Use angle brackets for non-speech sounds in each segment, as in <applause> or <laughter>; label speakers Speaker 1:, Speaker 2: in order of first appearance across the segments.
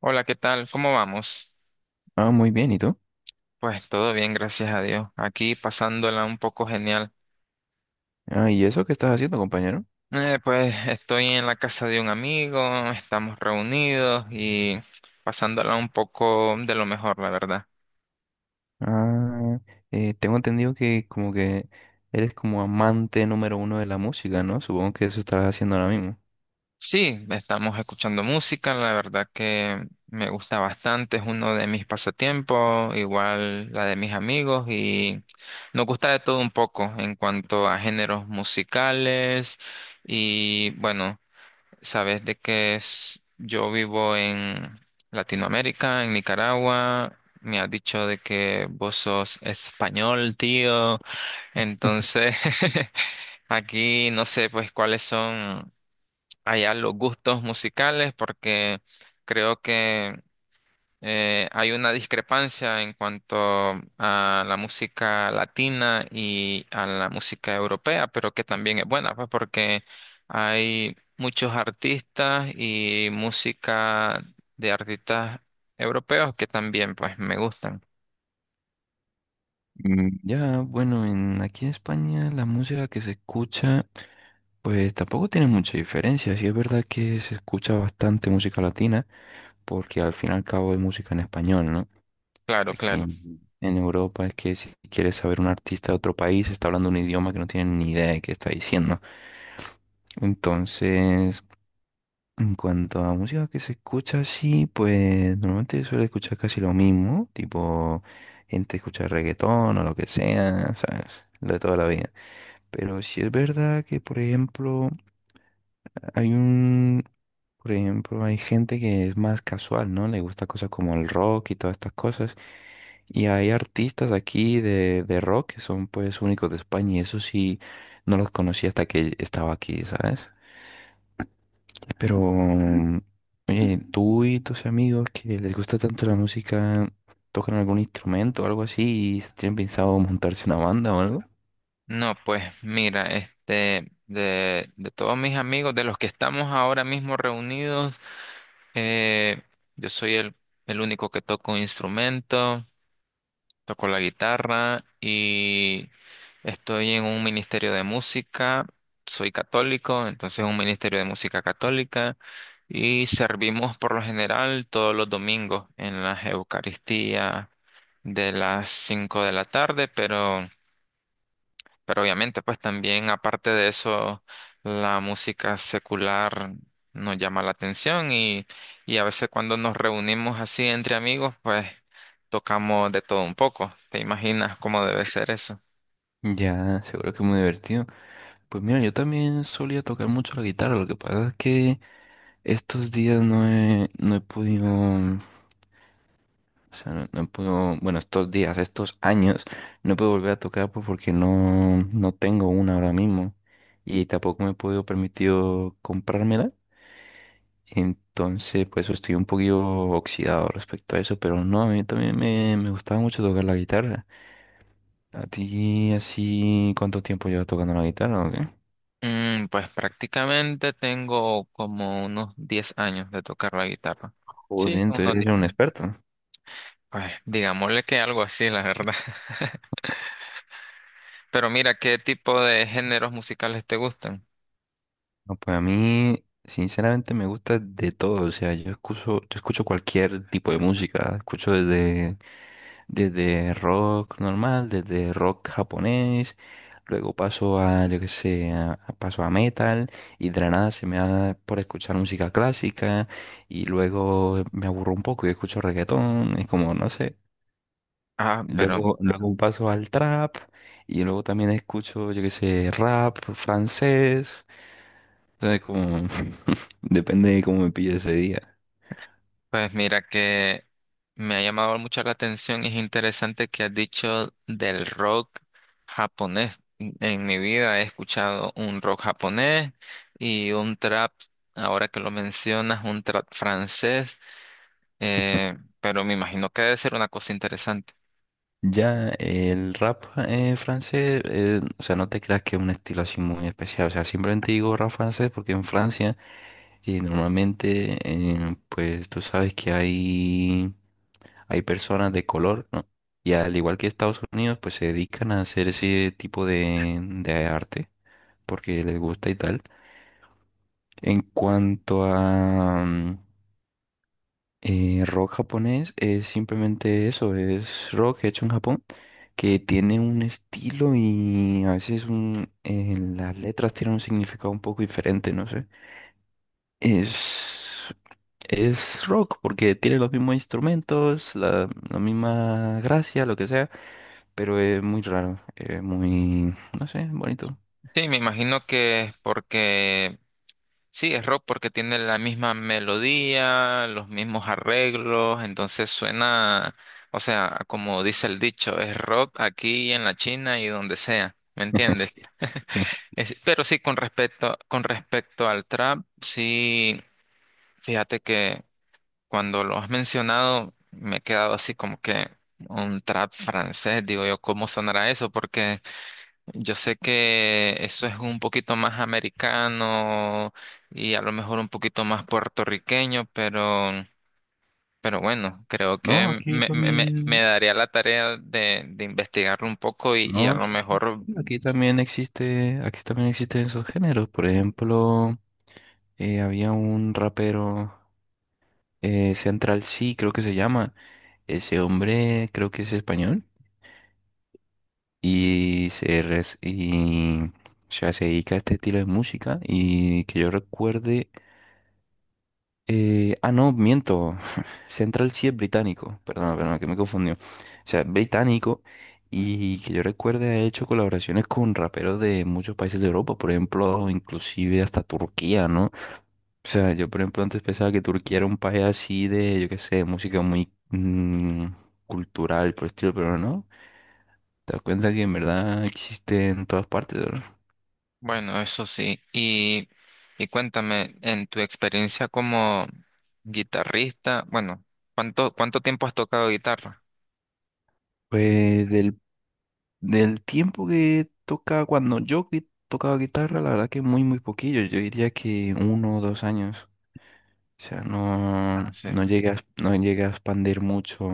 Speaker 1: Hola, ¿qué tal? ¿Cómo vamos?
Speaker 2: Ah, muy bien, ¿y tú?
Speaker 1: Pues todo bien, gracias a Dios. Aquí pasándola un poco genial.
Speaker 2: Ah, ¿y eso qué estás haciendo, compañero?
Speaker 1: Pues estoy en la casa de un amigo, estamos reunidos y pasándola un poco de lo mejor, la verdad.
Speaker 2: Ah, tengo entendido que como que eres como amante número uno de la música, ¿no? Supongo que eso estarás haciendo ahora mismo.
Speaker 1: Sí, estamos escuchando música, la verdad que me gusta bastante, es uno de mis pasatiempos, igual la de mis amigos y nos gusta de todo un poco en cuanto a géneros musicales y bueno. Sabes de que es, yo vivo en Latinoamérica, en Nicaragua. Me has dicho de que vos sos español, tío.
Speaker 2: <laughs>
Speaker 1: Entonces, <laughs> aquí no sé pues cuáles son allá los gustos musicales, porque creo que hay una discrepancia en cuanto a la música latina y a la música europea, pero que también es buena, pues porque hay muchos artistas y música de artistas europeos que también pues me gustan.
Speaker 2: Mm, ya, bueno, aquí en España la música que se escucha, pues tampoco tiene mucha diferencia. Sí es verdad que se escucha bastante música latina, porque al fin y al cabo es música en español, ¿no?
Speaker 1: Claro,
Speaker 2: Aquí
Speaker 1: claro.
Speaker 2: en Europa es que si quieres saber un artista de otro país, está hablando un idioma que no tienen ni idea de qué está diciendo. Entonces, en cuanto a música que se escucha así, pues normalmente suele escuchar casi lo mismo, tipo gente escucha reggaetón o lo que sea, ¿sabes? Lo de toda la vida. Pero sí es verdad que, por ejemplo, hay un, por ejemplo, hay gente que es más casual, ¿no? Le gusta cosas como el rock y todas estas cosas. Y hay artistas aquí de rock que son pues únicos de España y eso sí no los conocí hasta que estaba aquí, ¿sabes? Pero, oye, ¿tú y tus amigos que les gusta tanto la música tocan algún instrumento o algo así y tienen pensado montarse una banda o algo?
Speaker 1: No, pues mira, este, de todos mis amigos, de los que estamos ahora mismo reunidos, eh, yo soy el único que toco un instrumento. Toco la guitarra y estoy en un ministerio de música. Soy católico, entonces un ministerio de música católica y servimos por lo general todos los domingos en las Eucaristías de las 5 de la tarde, pero obviamente, pues también aparte de eso, la música secular nos llama la atención y a veces cuando nos reunimos así entre amigos, pues tocamos de todo un poco. ¿Te imaginas cómo debe ser eso?
Speaker 2: Ya, seguro que es muy divertido. Pues mira, yo también solía tocar mucho la guitarra, lo que pasa es que estos días no he podido, o sea, no he podido, bueno, estos días, estos años, no he podido volver a tocar pues, porque no tengo una ahora mismo y tampoco me he podido permitir comprármela. Entonces, pues estoy un poquito oxidado respecto a eso, pero no, a mí también me gustaba mucho tocar la guitarra. ¿A ti así cuánto tiempo llevas tocando la guitarra o qué?
Speaker 1: Pues prácticamente tengo como unos 10 años de tocar la guitarra.
Speaker 2: Joder,
Speaker 1: Sí,
Speaker 2: entonces
Speaker 1: unos
Speaker 2: eres
Speaker 1: 10
Speaker 2: un
Speaker 1: años.
Speaker 2: experto.
Speaker 1: Pues digámosle que algo así, la verdad. <laughs> Pero mira, ¿qué tipo de géneros musicales te gustan?
Speaker 2: No, pues a mí, sinceramente, me gusta de todo. O sea, yo escucho cualquier tipo de música. Escucho desde Desde rock normal, desde rock japonés, luego paso a, yo qué sé, paso a metal y de la nada se me da por escuchar música clásica y luego me aburro un poco y escucho reggaetón, es como, no sé.
Speaker 1: Ah, pero
Speaker 2: Luego paso al trap y luego también escucho, yo qué sé, rap francés. Entonces como, <laughs> depende de cómo me pille ese día.
Speaker 1: Pues mira que me ha llamado mucho la atención y es interesante que has dicho del rock japonés. En mi vida he escuchado un rock japonés y un trap, ahora que lo mencionas, un trap francés, pero me imagino que debe ser una cosa interesante.
Speaker 2: Ya, el rap francés, o sea, no te creas que es un estilo así muy especial, o sea, simplemente digo rap francés porque en Francia normalmente, pues tú sabes que hay personas de color, ¿no? Y al igual que Estados Unidos, pues se dedican a hacer ese tipo de arte porque les gusta y tal. En cuanto a... rock japonés es simplemente eso, es rock hecho en Japón, que tiene un estilo y a veces las letras tienen un significado un poco diferente, no sé. Es, es rock porque tiene los mismos instrumentos, la misma gracia, lo que sea, pero es muy raro, es muy, no sé, bonito.
Speaker 1: Sí, me imagino que es porque sí, es rock porque tiene la misma melodía, los mismos arreglos, entonces suena, o sea, como dice el dicho, es rock aquí en la China y donde sea, ¿me
Speaker 2: <laughs>
Speaker 1: entiendes?
Speaker 2: Sí.
Speaker 1: Pero sí, con respecto al trap, sí, fíjate que cuando lo has mencionado me he quedado así como que un trap francés, digo yo, ¿cómo sonará eso? Porque yo sé que eso es un poquito más americano y a lo mejor un poquito más puertorriqueño, pero bueno, creo
Speaker 2: No,
Speaker 1: que
Speaker 2: aquí
Speaker 1: me
Speaker 2: también.
Speaker 1: daría la tarea de, investigarlo un poco y a
Speaker 2: No,
Speaker 1: lo
Speaker 2: sí, sí,
Speaker 1: mejor,
Speaker 2: sí, aquí también existe, aquí también existen esos géneros. Por ejemplo, había un rapero, Central C, creo que se llama. Ese hombre creo que es español y, o sea, se dedica a este estilo de música y que yo recuerde no, miento. <laughs> Central sí es británico. Perdón, perdón, que me confundió. O sea, es británico y que yo recuerde ha hecho colaboraciones con raperos de muchos países de Europa, por ejemplo, inclusive hasta Turquía, ¿no? O sea, yo por ejemplo antes pensaba que Turquía era un país así de, yo qué sé, música muy cultural, por el estilo, pero no. Te das cuenta que en verdad existe en todas partes, ¿no?
Speaker 1: bueno, eso sí. Y cuéntame, en tu experiencia como guitarrista, bueno, ¿cuánto tiempo has tocado guitarra?
Speaker 2: Pues del Del tiempo que tocaba cuando yo tocaba guitarra, la verdad que muy, muy poquillo. Yo diría que 1 o 2 años. O sea,
Speaker 1: Ah, sí.
Speaker 2: no llegué a, no llegué a expandir mucho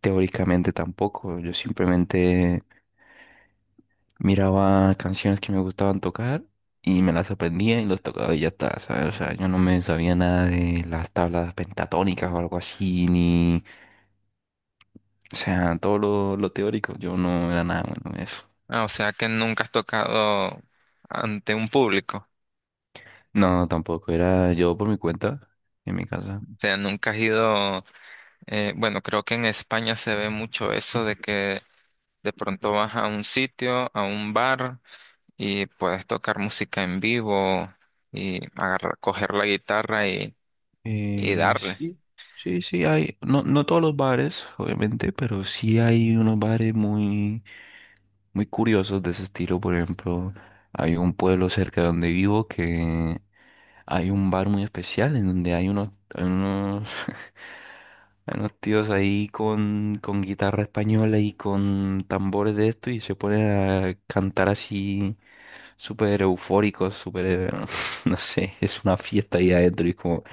Speaker 2: teóricamente tampoco. Yo simplemente miraba canciones que me gustaban tocar y me las aprendía y los tocaba y ya está, ¿sabes? O sea, yo no me sabía nada de las tablas pentatónicas o algo así, ni... O sea, todo lo teórico, yo no era nada bueno en eso.
Speaker 1: Ah, o sea que nunca has tocado ante un público.
Speaker 2: No, tampoco, era yo por mi cuenta, en mi casa.
Speaker 1: O sea, nunca has ido. Bueno, creo que en España se ve mucho eso de que de pronto vas a un sitio, a un bar y puedes tocar música en vivo y agarrar, coger la guitarra y darle.
Speaker 2: Sí, sí, sí, hay, no, no todos los bares, obviamente, pero sí hay unos bares muy, muy curiosos de ese estilo. Por ejemplo, hay un pueblo cerca de donde vivo que hay un bar muy especial en donde hay unos, <laughs> hay unos tíos ahí con guitarra española y con tambores de esto y se ponen a cantar así súper eufóricos, súper, <laughs> no sé, es una fiesta ahí adentro. Y es como,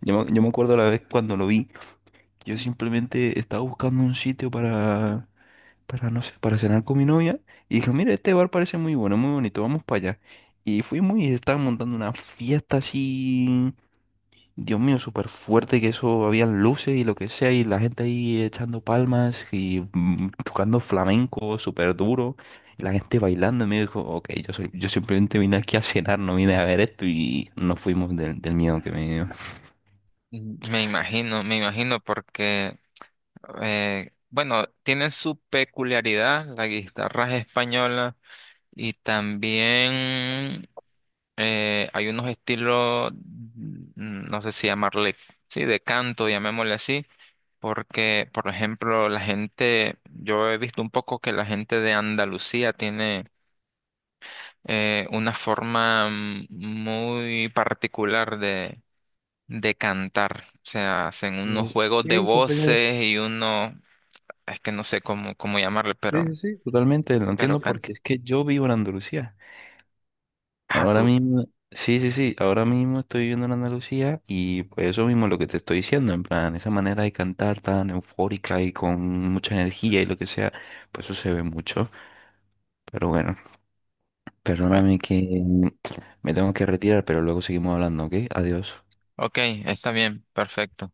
Speaker 2: yo me acuerdo la vez cuando lo vi, yo simplemente estaba buscando un sitio para, no sé, para cenar con mi novia y dije, mira, este bar parece muy bueno, muy bonito, vamos para allá. Y fuimos y estaban montando una fiesta así, Dios mío, súper fuerte que eso, habían luces y lo que sea, y la gente ahí echando palmas y tocando flamenco súper duro, y la gente bailando, y me dijo, ok, yo, soy, yo simplemente vine aquí a cenar, no vine a ver esto, y nos fuimos del miedo que me dio.
Speaker 1: Ujú. Me imagino porque, bueno, tienen su peculiaridad las guitarras españolas y también hay unos estilos, no sé si llamarle, sí, de canto, llamémosle así. Porque, por ejemplo, la gente, yo he visto un poco que la gente de Andalucía tiene una forma muy particular de, cantar. O sea, hacen unos
Speaker 2: Pues
Speaker 1: juegos de
Speaker 2: sí, compañero.
Speaker 1: voces y uno, es que no sé cómo, llamarle,
Speaker 2: Sí,
Speaker 1: pero,
Speaker 2: sí, sí. Totalmente, lo
Speaker 1: pero
Speaker 2: entiendo
Speaker 1: can-
Speaker 2: porque es que yo vivo en Andalucía.
Speaker 1: Ah,
Speaker 2: Ahora
Speaker 1: tú.
Speaker 2: mismo, sí, sí, sí, ahora mismo estoy viviendo en Andalucía y pues eso mismo es lo que te estoy diciendo, en plan, esa manera de cantar tan eufórica y con mucha energía y lo que sea, pues eso se ve mucho. Pero bueno,
Speaker 1: Bueno,
Speaker 2: perdóname que me tengo que retirar, pero luego seguimos hablando, ¿ok? Adiós.
Speaker 1: ok, está bien, perfecto.